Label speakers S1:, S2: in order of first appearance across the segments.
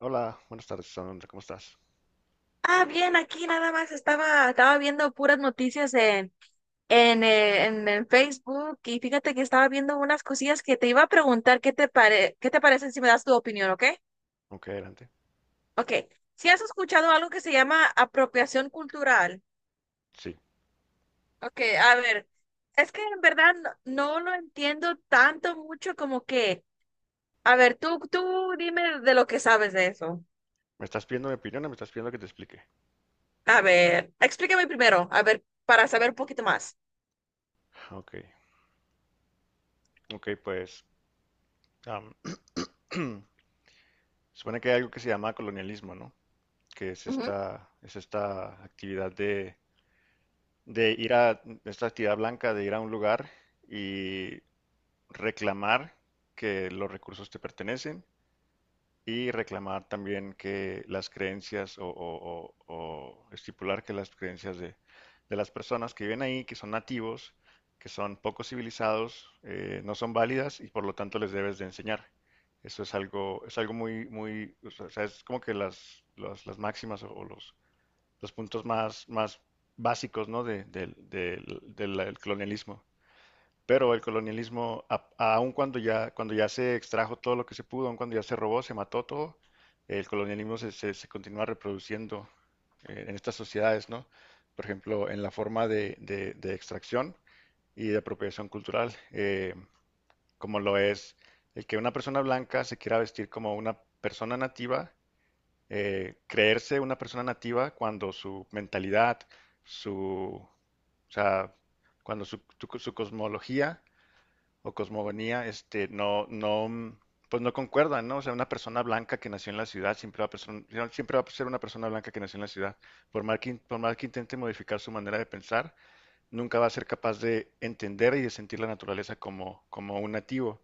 S1: Hola, buenas tardes, Alondra, ¿cómo estás?
S2: Ah, bien, aquí nada más estaba viendo puras noticias en Facebook y fíjate que estaba viendo unas cosillas que te iba a preguntar qué te parecen si me das tu opinión, ¿ok?
S1: Ok, adelante.
S2: Ok, si has escuchado algo que se llama apropiación cultural.
S1: Sí,
S2: Ok, a ver, es que en verdad no lo entiendo tanto mucho como que, a ver, tú dime de lo que sabes de eso.
S1: ¿me estás pidiendo mi opinión o me estás pidiendo que te explique?
S2: A ver, explícame primero, a ver, para saber un poquito más.
S1: Ok, ok, pues am, supone que hay algo que se llama colonialismo, ¿no? Que
S2: Ujú.
S1: es esta actividad de ir a, esta actividad blanca de ir a un lugar y reclamar que los recursos te pertenecen y reclamar también que las creencias o estipular que las creencias de las personas que viven ahí, que son nativos, que son poco civilizados, no son válidas y por lo tanto les debes de enseñar. Eso es algo muy, muy, o sea, es como que las máximas o los puntos más, más básicos, ¿no? Del colonialismo. Pero el colonialismo, aun cuando ya se extrajo todo lo que se pudo, aun cuando ya se robó, se mató todo, el colonialismo se continúa reproduciendo en estas sociedades, ¿no? Por ejemplo, en la forma de extracción y de apropiación cultural, como lo es el que una persona blanca se quiera vestir como una persona nativa, creerse una persona nativa cuando su mentalidad, su, o sea, cuando su cosmología o cosmogonía, este, no, no, pues no concuerdan, ¿no? O sea, una persona blanca que nació en la ciudad siempre va a, siempre va a ser una persona blanca que nació en la ciudad. Por más que, por más que intente modificar su manera de pensar, nunca va a ser capaz de entender y de sentir la naturaleza como, como un nativo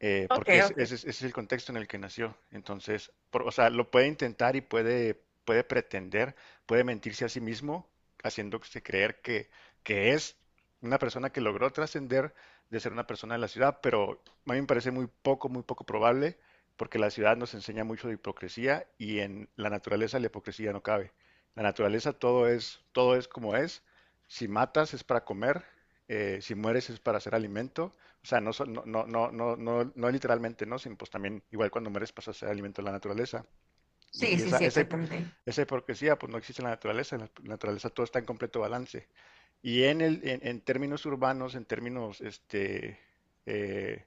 S2: Ok,
S1: porque
S2: ok.
S1: ese es el contexto en el que nació. Entonces, o sea, lo puede intentar y puede, puede pretender, puede mentirse a sí mismo, haciéndose creer que es una persona que logró trascender de ser una persona de la ciudad, pero a mí me parece muy poco probable, porque la ciudad nos enseña mucho de hipocresía y en la naturaleza la hipocresía no cabe. La naturaleza todo es como es. Si matas es para comer, si mueres es para hacer alimento o sea, no, no, no, no, no, no, no literalmente, ¿no? Sino pues también, igual cuando mueres pasas a ser alimento de la naturaleza.
S2: Sí,
S1: Y
S2: sí,
S1: esa,
S2: sí,
S1: esa,
S2: exactamente.
S1: esa hipocresía pues no existe en la naturaleza. En la naturaleza todo está en completo balance. Y en en términos urbanos, en términos este, eh,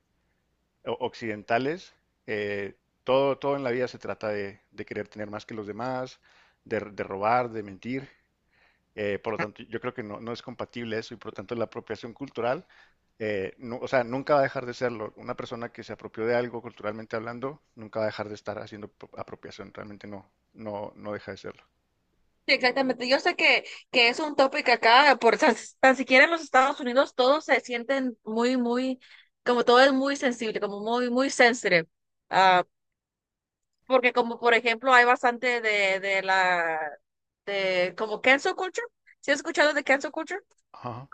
S1: occidentales, eh, todo, todo en la vida se trata de querer tener más que los demás, de robar, de mentir. Por lo tanto, yo creo que no, no es compatible eso y por lo tanto la apropiación cultural, o sea, nunca va a dejar de serlo. Una persona que se apropió de algo culturalmente hablando, nunca va a dejar de estar haciendo apropiación. Realmente no, no, no deja de serlo.
S2: Sí, exactamente. Yo sé que es un tópico acá, tan siquiera en los Estados Unidos todos se sienten muy, muy, como todo es muy sensible, como muy, muy sensitive. Ah, porque como por ejemplo hay bastante de como cancel culture. ¿Sí has escuchado de cancel culture?
S1: Ajá.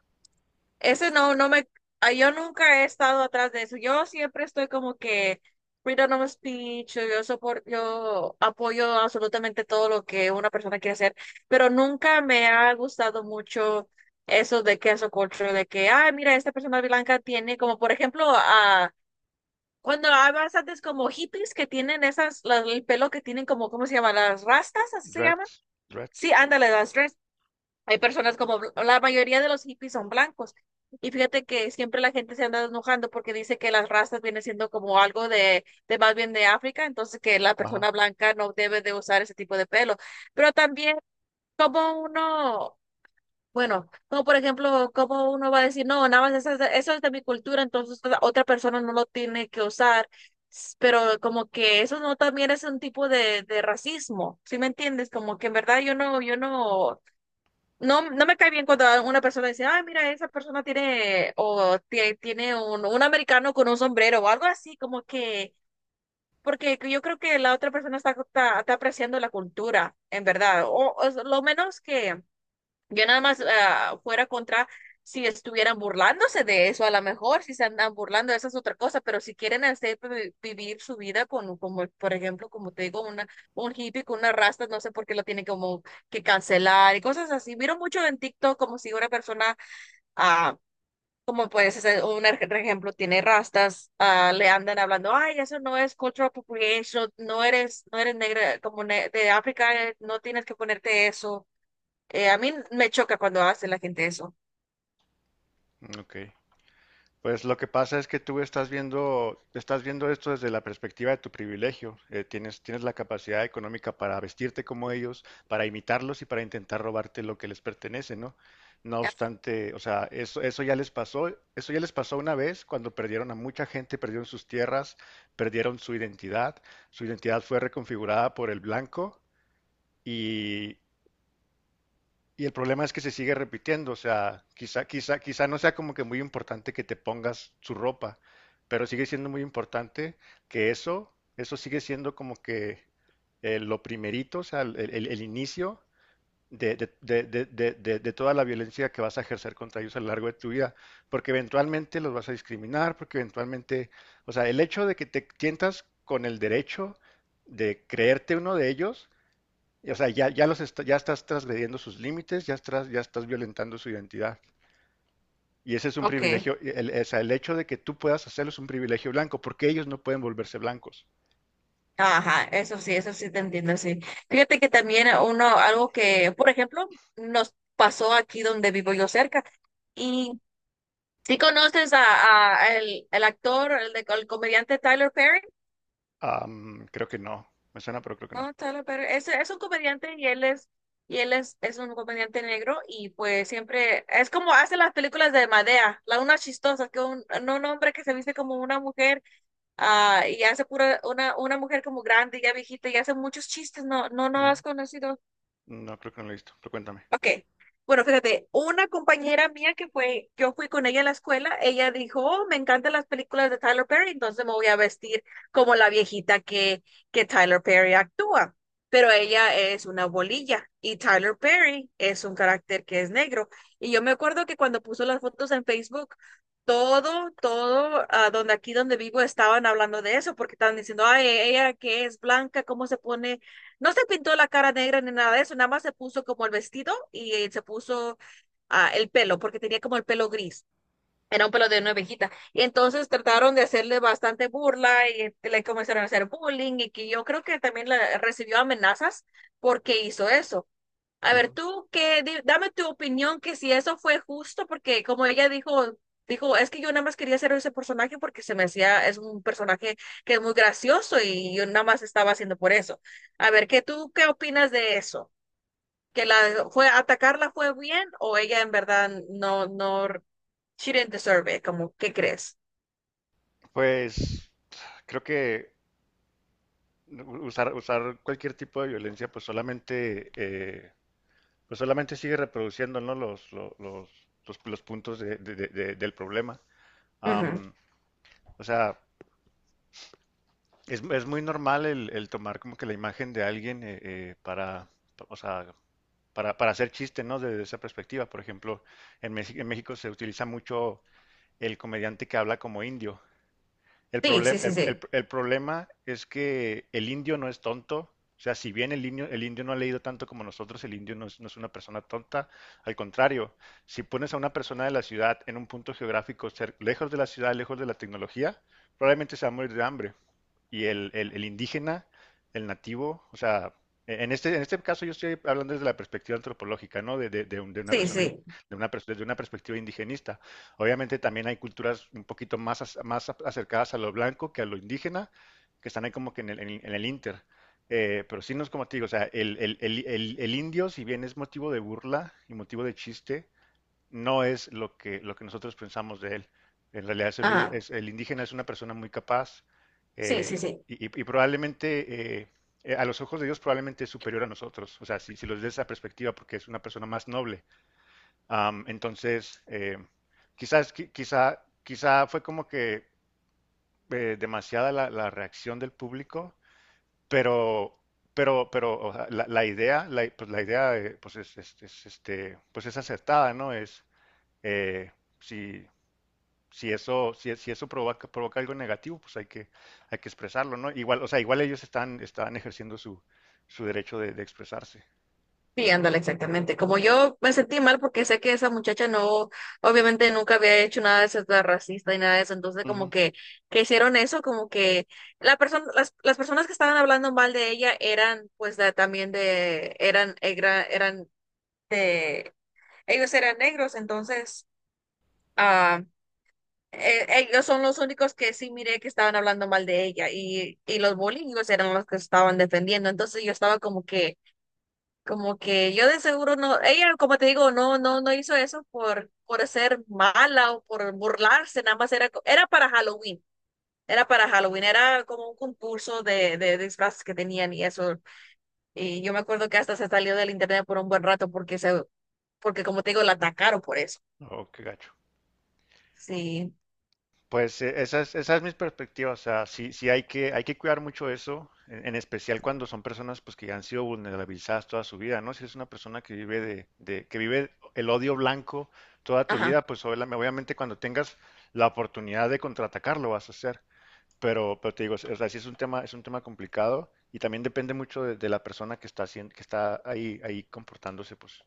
S2: Ese no me, ah, yo nunca he estado atrás de eso. Yo siempre estoy como que freedom of speech, yo apoyo absolutamente todo lo que una persona quiere hacer, pero nunca me ha gustado mucho eso de cancel culture, de que, ah, mira, esta persona blanca tiene como, por ejemplo, a cuando hay bastantes como hippies que tienen el pelo que tienen como, ¿cómo se llama? Las rastas, así se llaman.
S1: Dreads,
S2: Sí,
S1: dreads.
S2: ándale, las hay personas como, la mayoría de los hippies son blancos. Y fíjate que siempre la gente se anda enojando porque dice que las razas viene siendo como algo de más bien de África, entonces que la
S1: Ajá.
S2: persona blanca no debe de usar ese tipo de pelo. Pero también como uno, bueno, como por ejemplo, como uno va a decir, no, nada más eso es de mi cultura, entonces otra persona no lo tiene que usar. Pero como que eso no también es un tipo de racismo, ¿sí me entiendes? Como que en verdad yo no, yo no. No, no me cae bien cuando una persona dice, ay, mira, esa persona tiene, o tiene un americano con un sombrero o algo así, como que, porque yo creo que la otra persona está apreciando la cultura, en verdad, o es lo menos que, yo nada más fuera contra si estuvieran burlándose de eso, a lo mejor si se andan burlando, esa es otra cosa, pero si quieren hacer vivir su vida con, como, por ejemplo, como te digo, una, un hippie con una rasta, no sé por qué lo tiene como que cancelar y cosas así. Miro mucho en TikTok como si una persona, ah, como puedes hacer un ejemplo, tiene rastas, ah, le andan hablando, ay, eso no es cultural appropriation, no eres, no eres negra, de África, no tienes que ponerte eso. A mí me choca cuando hace la gente eso.
S1: Mm, ok. Pues lo que pasa es que tú estás viendo esto desde la perspectiva de tu privilegio. Tienes, tienes la capacidad económica para vestirte como ellos, para imitarlos y para intentar robarte lo que les pertenece, ¿no? No obstante, o sea, eso ya les pasó, eso ya les pasó una vez cuando perdieron a mucha gente, perdieron sus tierras, perdieron su identidad. Su identidad fue reconfigurada por el blanco y, y el problema es que se sigue repitiendo, o sea, quizá, quizá, quizá no sea como que muy importante que te pongas su ropa, pero sigue siendo muy importante que eso sigue siendo como que lo primerito, o sea, el inicio de toda la violencia que vas a ejercer contra ellos a lo largo de tu vida, porque eventualmente los vas a discriminar, porque eventualmente, o sea, el hecho de que te tientas con el derecho de creerte uno de ellos, o sea, ya, ya estás transgrediendo sus límites, ya estás violentando su identidad. Y ese es un
S2: Ok.
S1: privilegio, o sea, el hecho de que tú puedas hacerlo es un privilegio blanco, porque ellos no pueden volverse blancos.
S2: Ajá, eso sí te entiendo, sí. Fíjate que también uno, algo que, por ejemplo, nos pasó aquí donde vivo yo cerca. Y si conoces a el actor, el comediante Tyler Perry,
S1: Creo que no, me suena, pero creo que no.
S2: ¿no? Tyler Perry, es un comediante y y él es un comediante negro y pues siempre, es como hace las películas de Madea, la una chistosa, que un, no, un hombre que se viste como una mujer. Ah, y hace pura una mujer como grande, ya viejita, y hace muchos chistes, no, no, no
S1: Ujú.
S2: has conocido.
S1: No, creo que no lo he visto, pero cuéntame.
S2: Ok. Bueno, fíjate, una compañera mía que fue, yo fui con ella a la escuela, ella dijo, oh, me encantan las películas de Tyler Perry, entonces me voy a vestir como la viejita que Tyler Perry actúa. Pero ella es una bolilla y Tyler Perry es un carácter que es negro. Y yo me acuerdo que cuando puso las fotos en Facebook, donde aquí donde vivo estaban hablando de eso, porque estaban diciendo, ay, ella que es blanca, ¿cómo se pone? No se pintó la cara negra ni nada de eso, nada más se puso como el vestido y se puso el pelo, porque tenía como el pelo gris, era un pelo de una ovejita. Y entonces trataron de hacerle bastante burla y le comenzaron a hacer bullying y que yo creo que también recibió amenazas porque hizo eso. A ver,
S1: Ujú.
S2: tú, dame tu opinión que si eso fue justo, porque como ella dijo, dijo, es que yo nada más quería hacer ese personaje porque se me hacía, es un personaje que es muy gracioso y yo nada más estaba haciendo por eso. A ver, ¿qué tú qué opinas de eso? ¿Que la fue atacarla fue bien o ella en verdad no, no, she didn't deserve it? Como, ¿qué crees?
S1: Pues creo que usar, usar cualquier tipo de violencia, pues solamente sigue reproduciendo, ¿no? Los, los puntos del problema.
S2: Ujú.
S1: Am, o sea, es muy normal el tomar como que la imagen de alguien para, o sea, para hacer chiste, ¿no? Desde esa perspectiva. Por ejemplo, en México se utiliza mucho el comediante que habla como indio.
S2: Sí, sí, sí, sí,
S1: El problema es que el indio no es tonto. O sea, si bien el indio no ha leído tanto como nosotros, el indio no es, no es una persona tonta. Al contrario, si pones a una persona de la ciudad en un punto geográfico lejos de la ciudad, lejos de la tecnología, probablemente se va a morir de hambre y el indígena, el nativo, o sea, en este caso yo estoy hablando desde la perspectiva antropológica, ¿no? De una
S2: sí,
S1: persona,
S2: sí.
S1: de desde una perspectiva indigenista. Obviamente también hay culturas un poquito más, más acercadas a lo blanco que a lo indígena, que están ahí como que en en el inter. Pero sí, no es como te digo, o sea, el indio, si bien es motivo de burla y motivo de chiste, no es lo que nosotros pensamos de él. En realidad es
S2: Ajá,
S1: el indígena es una persona muy capaz
S2: sí, sí,
S1: eh,
S2: sí.
S1: y, y probablemente, a los ojos de Dios, probablemente es superior a nosotros. O sea, si, si los ves de esa perspectiva, porque es una persona más noble. Entonces, quizás, quizá, quizá fue como que demasiada la, la reacción del público, pero... pero o sea, la idea, la, pues la idea, pues es, es, este, pues es acertada, ¿no? Es, eh, si, si eso, si, si eso provoca, provoca algo negativo, pues hay que expresarlo, ¿no? Igual, o sea, igual ellos están, están ejerciendo su, su derecho de expresarse.
S2: Sí, ándale, exactamente. Como yo me sentí mal porque sé que esa muchacha no, obviamente nunca había hecho nada de ser tan racista y nada de eso, entonces como
S1: Ujú.
S2: que hicieron eso, como que la persona, las personas que estaban hablando mal de ella eran pues de- también de, eran, era- eran de, ellos eran negros, entonces ah, ellos son los únicos que sí miré que estaban hablando mal de ella y los bullyingos eran los que estaban defendiendo, entonces yo estaba como que yo de seguro no, ella, como te digo, no, no, no hizo eso por ser mala o por burlarse, nada más era para Halloween, era para Halloween, era como un concurso de disfraces que tenían y eso. Y yo me acuerdo que hasta se salió del internet por un buen rato porque porque como te digo, la atacaron por eso.
S1: Oh, qué gacho.
S2: Sí,
S1: Pues esa es mi perspectiva, o sea, sí, sí hay que cuidar mucho eso, en especial cuando son personas pues que han sido vulnerabilizadas toda su vida, ¿no? Si es una persona que vive que vive el odio blanco toda tu
S2: ajá,
S1: vida, pues obviamente cuando tengas la oportunidad de contraatacar lo vas a hacer. Pero te digo, o sea, sí es un tema complicado y también depende mucho de la persona que está haciendo, que está ahí, ahí comportándose, pues,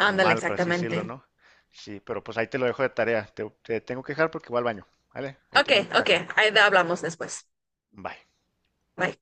S1: como mal, por así decirlo,
S2: exactamente.
S1: ¿no? Sí, pero pues ahí te lo dejo de tarea. Te tengo que dejar porque voy al baño, ¿vale? Ahí te
S2: Ok,
S1: mando un
S2: ok,
S1: mensaje.
S2: ahí hablamos después.
S1: Bye.
S2: Bye.